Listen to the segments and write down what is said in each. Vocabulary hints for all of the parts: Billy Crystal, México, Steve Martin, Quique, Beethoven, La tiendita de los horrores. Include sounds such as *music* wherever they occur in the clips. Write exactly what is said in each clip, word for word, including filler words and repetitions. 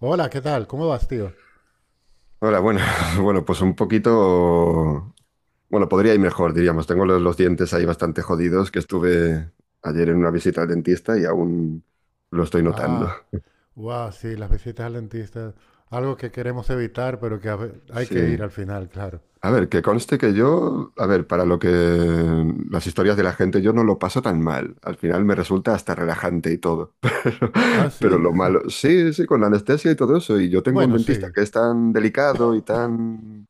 Hola, ¿qué tal? ¿Cómo vas, tío? Hola, bueno, *laughs* bueno, pues un poquito, bueno, podría ir mejor, diríamos. Tengo los, los dientes ahí bastante jodidos, que estuve ayer en una visita al dentista y aún lo estoy notando. Ah, wow, sí, las visitas al dentista, algo que queremos evitar, pero que a ve- hay que Sí. ir al final, claro. A ver, que conste que yo, a ver, para lo que las historias de la gente, yo no lo paso tan mal. Al final me resulta hasta relajante y todo. *laughs* Pero, Ah, pero sí. lo malo, sí, sí, con la anestesia y todo eso. Y yo tengo un Bueno, dentista sí, que es tan delicado y tan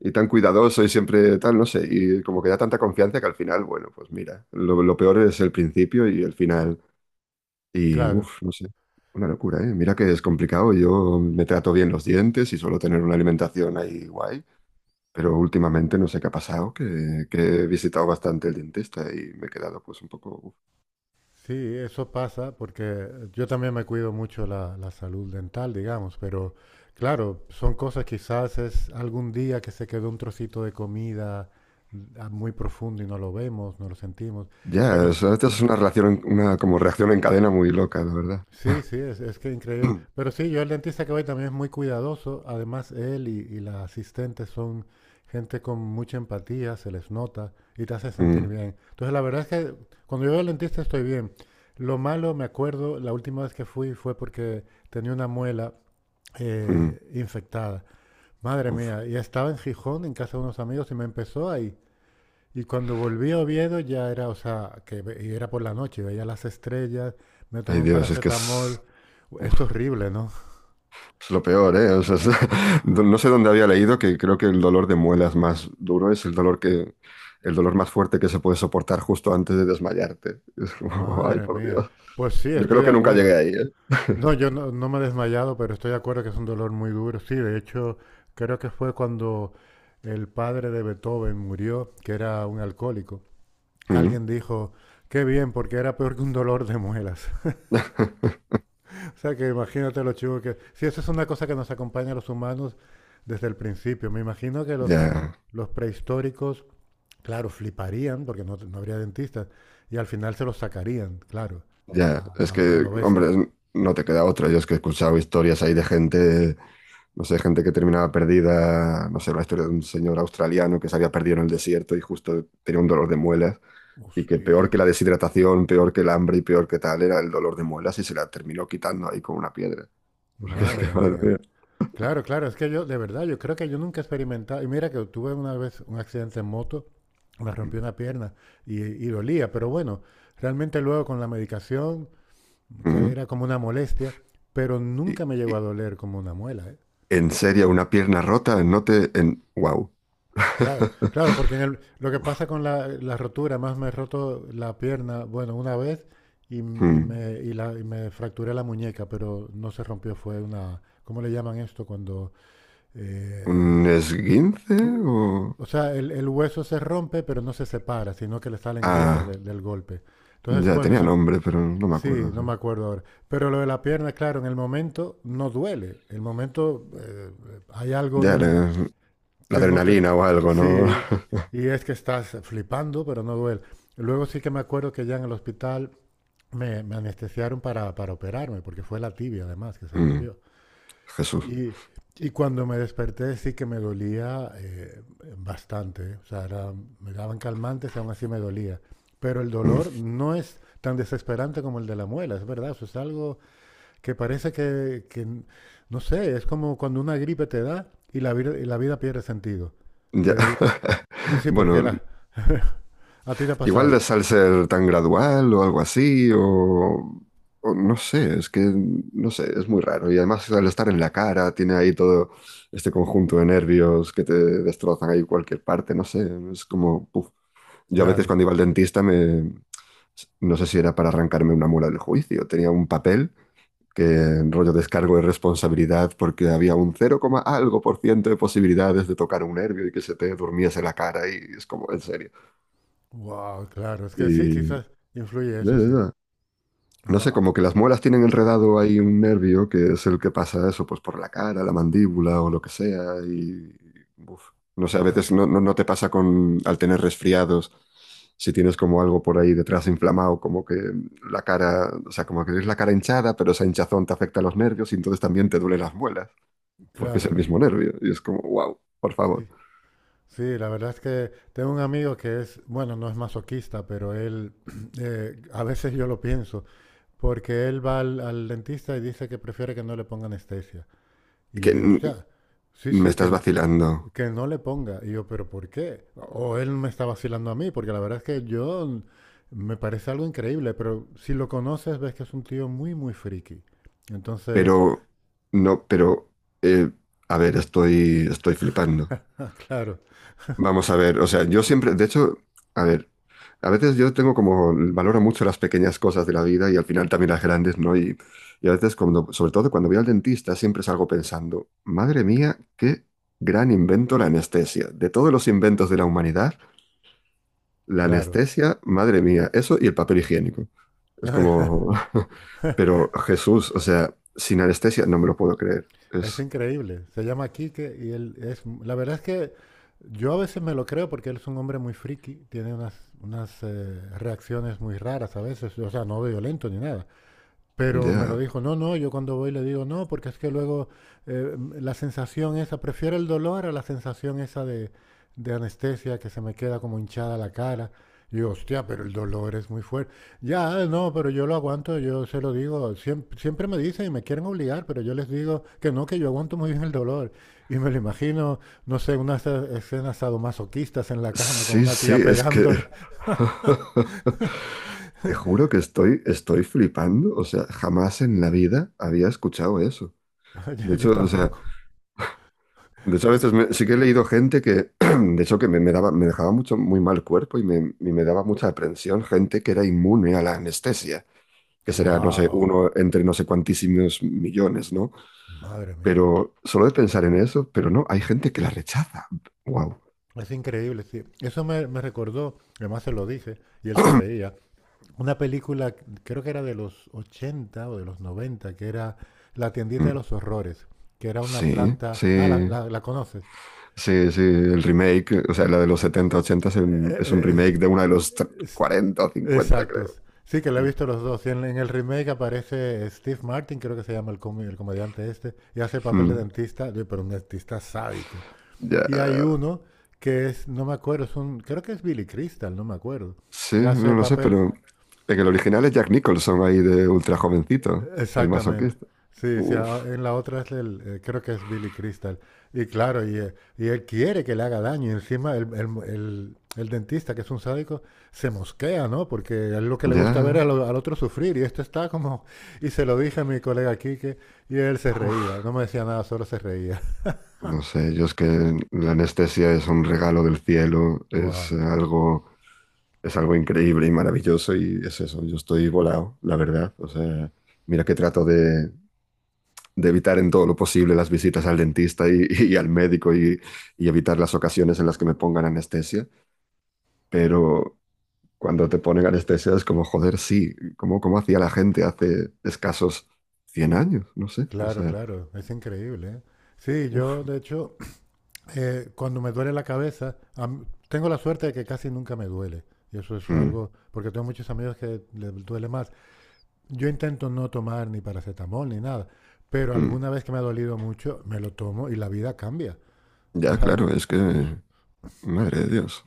y tan cuidadoso y siempre tal, no sé, y como que da tanta confianza que al final, bueno, pues mira, lo, lo peor es el principio y el final, y claro. uff, no sé, una locura, ¿eh? Mira que es complicado, yo me trato bien los dientes y suelo tener una alimentación ahí guay, pero últimamente no sé qué ha pasado, que, que he visitado bastante el dentista y me he quedado pues un poco, uf. Sí, eso pasa porque yo también me cuido mucho la, la salud dental, digamos, pero claro, son cosas quizás es algún día que se quedó un trocito de comida mm, ah, muy profundo y no lo vemos, no lo sentimos, Ya, pero o sea, esta es una relación, una como reacción en cadena muy loca, la verdad. sí, sí, es, es que increíble. *clears throat* Pero sí, yo el dentista que voy también es muy cuidadoso. Además, él y, y las asistentes son gente con mucha empatía, se les nota y te hace sentir Mm. bien. Entonces, la verdad es que cuando yo voy al dentista estoy bien. Lo malo, me acuerdo, la última vez que fui fue porque tenía una muela Mm. eh, infectada. Madre Uf. mía, y estaba en Gijón, en casa de unos amigos, y me empezó a y cuando volví a Oviedo ya era, o sea, que ve- y era por la noche, veía las estrellas, me tomé Ay, un Dios, es que es... paracetamol. Uf. Es horrible, ¿no? Es lo peor, ¿eh? O sea, es- *laughs* no sé dónde había leído que creo que el dolor de muelas más duro es el dolor que, el dolor más fuerte que se puede soportar justo antes de desmayarte. Es como, *laughs* ay, Madre por mía. Dios. Pues sí, Yo estoy creo de que nunca llegué acuerdo. ahí, ¿eh? No, yo no, no me he desmayado, pero estoy de acuerdo que es un dolor muy duro. Sí, de hecho, creo que fue cuando el padre de Beethoven murió, que era un alcohólico. Mm. Alguien dijo, qué bien, porque era peor que un dolor de muelas. *laughs* O sea, que imagínate los chivos que... Si eso es una cosa que nos acompaña a los humanos desde el principio, me imagino que los, Ya, los prehistóricos, claro, fliparían porque no, no habría dentistas y al final se los sacarían, claro, ya. Es a, a- a que, lo bestia. hombre, no te queda otra. Yo es que he escuchado historias ahí de gente, no sé, gente que terminaba perdida, no sé, la historia de un señor australiano que se había perdido en el desierto y justo tenía un dolor de muelas. Y que Hostia, peor que la deshidratación, peor que el hambre y peor que tal era el dolor de muelas y se la terminó quitando ahí con una piedra. *laughs* Porque es que, madre madre mía. mía. Claro, claro, es que yo, de verdad, yo creo que yo nunca he experimentado. Y mira que tuve una vez un accidente en moto, me Mm. rompí una pierna y, y dolía, pero bueno, realmente luego con la medicación que Mm. era como una molestia, pero Y, nunca me llegó a y- doler como una muela. ¿Eh? en serio, una pierna rota, no te... En... Wow. *laughs* Claro, claro, porque en el, lo que pasa con la, la rotura, más me he roto la pierna, bueno, una vez y, m- y me, y la- y me fracturé la muñeca, pero no se rompió, fue una, ¿cómo le llaman esto? Cuando, eh, ¿Un esguince u- o...? o sea, el, el hueso se rompe, pero no se separa, sino que le salen grietas Ah, de- del golpe. Entonces, ya bueno, tenía esa, nombre, pero no me sí, acuerdo. no Sí. me acuerdo ahora. Pero lo de la pierna, claro, en el momento no duele. El momento eh, hay algo en Ya, el la, la que no te... adrenalina o algo, ¿no? *laughs* Sí, y es que estás flipando, pero no duele. Luego sí que me acuerdo que ya en el hospital me, me anestesiaron para, para operarme, porque fue la tibia además que se Mm, rompió. Jesús. Y, y cuando me desperté sí que me dolía eh, bastante. ¿Eh? O sea, era- me daban calmantes y aún así me dolía. Pero el Mm, dolor no es tan desesperante como el de la muela, es verdad. Eso es algo que parece que, que n- no sé, es como cuando una gripe te da y la, vida y la vida pierde sentido. ya. Que- *laughs* sí, sí, porque Bueno, la... *laughs* ¿A ti te ha igual les pasado? al ser tan gradual o algo así, o, o no sé, es que no sé, es muy raro. Y además al estar en la cara, tiene ahí todo este conjunto de nervios que te destrozan ahí cualquier parte, no sé, es como, puf. Yo a veces Claro. cuando iba al dentista me, no sé si era para arrancarme una mula del juicio, tenía un papel que en rollo descargo de responsabilidad porque había un cero coma algo por ciento de posibilidades de tocar un nervio y que se te durmiese la cara y es como, en serio. Wow, claro. Es Y... que sí, quizás eh, influye eso, sí. No sé, Wow. como que las muelas tienen enredado ahí un nervio que es el que pasa eso, pues por la cara, la mandíbula o lo que sea. Y, uf, no sé, a veces no, no, no te pasa con, al tener resfriados, si tienes como algo por ahí detrás inflamado, como que la cara, o sea, como que tienes la cara hinchada, pero esa hinchazón te afecta a los nervios y entonces también te duelen las muelas, porque es el Claro, mismo nervio. Y es como, wow, por favor. sí. Sí, la verdad es que tengo un amigo que es, bueno, no es masoquista, pero él, *clears throat* eh, a veces yo lo pienso, porque él va al, al dentista y dice que prefiere que no le ponga anestesia. Y yo Que le digo, o mm, sea, sí, me sí, que, estás n- vacilando, que no le ponga. Y yo, pero ¿por qué? O él me está vacilando a mí, porque la verdad es que yo n- me parece algo increíble, pero si lo conoces ves que es un tío muy, muy friki. Entonces, pero no, pero, eh, a ver, estoy, estoy flipando. *laughs* ah, claro, Vamos a ver, o sea, yo siempre, de hecho, a ver, a veces yo tengo como, valoro mucho las pequeñas cosas de la vida y al final también las grandes, ¿no? Y, y a veces, cuando, sobre todo cuando voy al dentista, siempre salgo pensando, madre mía, qué gran invento la anestesia. De todos los inventos de la humanidad, la claro. anestesia, madre mía, eso y el papel higiénico. Es *laughs* como, *laughs* pero Jesús, o sea, sin anestesia no me lo puedo creer. Es Es, increíble. Se llama Quique y él es... La verdad es que yo a veces me lo creo porque él es un hombre muy friki, tiene unas, unas eh, reacciones muy raras a veces, o sea, no violento ni nada. Pero me lo ya, dijo, no, no, yo cuando voy le digo, no, porque es que luego eh, la sensación esa, prefiero el dolor a la sensación esa de, de anestesia que se me queda como hinchada la cara. Y yo, hostia, pero el dolor es muy fuerte. Ya, no, pero yo lo aguanto, yo se lo digo. Siempre, siempre me dicen y me quieren obligar, pero yo les digo que no, que yo aguanto muy bien el dolor. Y me lo imagino, no sé, unas eh, escenas sadomasoquistas en la cama con sí, una sí, tía es que... pegándole. *laughs* Te juro que estoy, estoy flipando. O sea, jamás en la vida había escuchado eso. *laughs* De Yo, yo hecho, o sea, tampoco. de hecho a veces Es, me- sí que he leído gente que, *clears throat* de hecho, que me, me daba, me dejaba mucho, muy mal cuerpo y me, y me daba mucha aprensión gente que era inmune a la anestesia, que será, no sé, wow, uno entre no sé cuantísimos millones, ¿no? madre mía. Pero solo de pensar en eso, pero no, hay gente que la rechaza. Wow. Es increíble, sí. Eso me, me recordó, además se lo dije, y él se reía, una película, creo que era de los ochenta o de los noventa que era La tiendita de los horrores, que era una Sí, planta... Ah, la, sí. la, la conoces. Sí, sí, el remake, o sea, la de los setenta ochenta es, un es un Eh, eh, remake de una de los tre- eh, es- cuarenta o es- cincuenta, exacto. creo. Sí, que la he visto los dos. Y en, en el remake aparece Steve Martin, creo que se llama el, com- el comediante este, y hace el papel de Mm, dentista, de- pero un dentista sádico. ya, Y hay uno que es, no me acuerdo, es un, creo que es Billy Crystal, no me acuerdo, sí, que hace no el lo sé, papel, pero en el original es Jack Nicholson ahí de ultra jovencito, el exactamente. masoquista. Sí, sí, Uf, a- en la otra es el, eh, creo que es Billy Crystal. Y claro, y, eh, y él quiere que le haga daño. Y encima el, el- el- el dentista, que es un sádico, se mosquea, ¿no? Porque a él lo que le gusta ver es ya, al, al otro sufrir. Y esto está como... Y se lo dije a mi colega Quique y él se reía. uf, No me decía nada, solo se reía. *laughs* no sé, yo es que la anestesia es un regalo del cielo, es Wow. algo, es algo increíble y maravilloso y es eso, yo estoy volado, la verdad. O sea, mira que trato de de evitar en todo lo posible las visitas al dentista y, *laughs* y al médico y, y, evitar las ocasiones en las que me pongan anestesia, pero cuando te ponen anestesia es como, joder, sí, como, como hacía la gente hace escasos cien años, no sé, o Claro, sea, claro. Es increíble, ¿eh? Sí, yo uff, de hecho eh, cuando me duele la cabeza, am- tengo la suerte de que casi nunca me duele. Y eso es mm, algo, porque tengo muchos amigos que les duele más. Yo intento no tomar ni paracetamol ni nada, pero mm. alguna vez que me ha dolido mucho, me lo tomo y la vida cambia. *laughs* O Ya sea, claro, es que, uf, madre de Dios.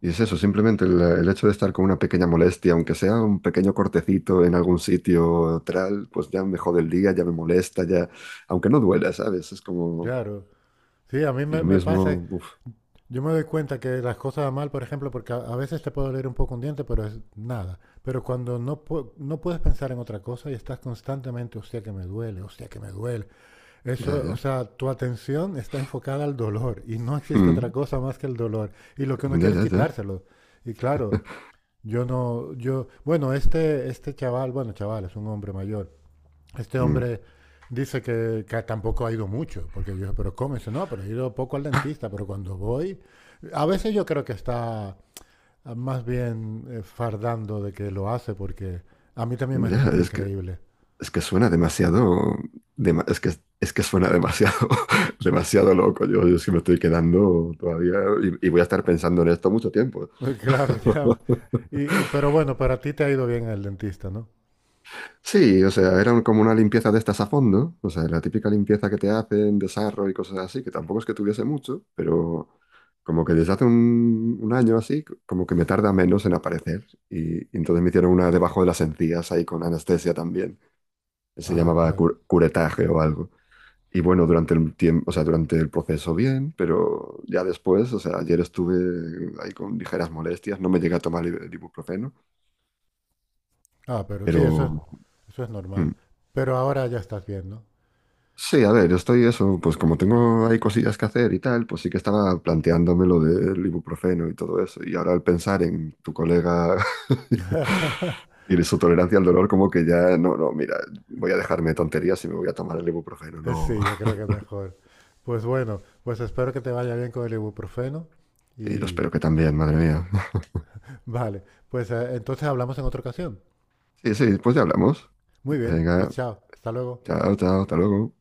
Y es eso, simplemente el, el, hecho de estar con una pequeña molestia, aunque sea un pequeño cortecito en algún sitio tal, pues ya me jode el día, ya me molesta, ya, aunque no duela, ¿sabes? Es como, claro. Sí, a mí y me, lo me pasa, mismo, uf, yo me doy cuenta que las cosas van mal, por ejemplo, porque a, a veces te puede doler un poco un diente, pero es nada. Pero cuando no, pu- no puedes pensar en otra cosa y estás constantemente, hostia que me duele, hostia que me duele, ya, eso, o ya. sea, tu atención está enfocada al dolor y no existe otra Mm, cosa más que el dolor. Y lo que uno ya, quiere es ya. ya. quitárselo. Y claro, yo no, yo, bueno, este, este chaval, bueno, chaval, es un hombre mayor. Este Mm, hombre dice que, que tampoco ha ido mucho, porque yo, dije, pero ¿cómo? Y dice, no, pero he ido poco al dentista, pero cuando voy, a veces yo creo que está ah, más bien eh, fardando de que lo hace, porque a mí también me ya, resulta es que, increíble. es que suena demasiado, dema- es que, es que suena demasiado, *laughs* demasiado loco. Yo, yo sí me estoy quedando todavía y, y voy a estar pensando en esto mucho tiempo. *laughs* Claro, ya. Y, y- pero bueno, para ti te ha ido bien el dentista, ¿no? Sí, o sea, eran como una limpieza de estas a fondo, o sea, la típica limpieza que te hacen, desarrollo y cosas así, que tampoco es que tuviese mucho, pero como que desde hace un, un año así, c- como que me tarda menos en aparecer. Y, y entonces me hicieron una debajo de las encías ahí con anestesia también, que se Ah, llamaba claro. cur- curetaje o algo. Y bueno, durante el tiempo, o sea, durante el proceso bien, pero ya después, o sea, ayer estuve ahí con ligeras molestias, no me llegué a tomar el ibuprofeno, Ah, pero sí, eso pero... es, eso es hmm, normal. Pero ahora ya estás bien, ¿no? sí, a ver, yo estoy eso, pues como tengo ahí cosillas que hacer y tal, pues sí que estaba planteándome lo del ibuprofeno y todo eso. Y ahora al pensar en tu colega *laughs* *laughs* y de su tolerancia al dolor, como que ya, no, no, mira, voy a dejarme de tonterías y me voy a tomar el ibuprofeno, no. Sí, yo creo *laughs* que mejor. Pues bueno, pues espero que te vaya bien con el ibuprofeno Y yo y espero que también, madre mía. vale, pues eh, entonces hablamos en otra ocasión. Sí, sí, pues ya hablamos. Muy bien, pues Venga, chao, hasta luego. chao, chao, hasta luego.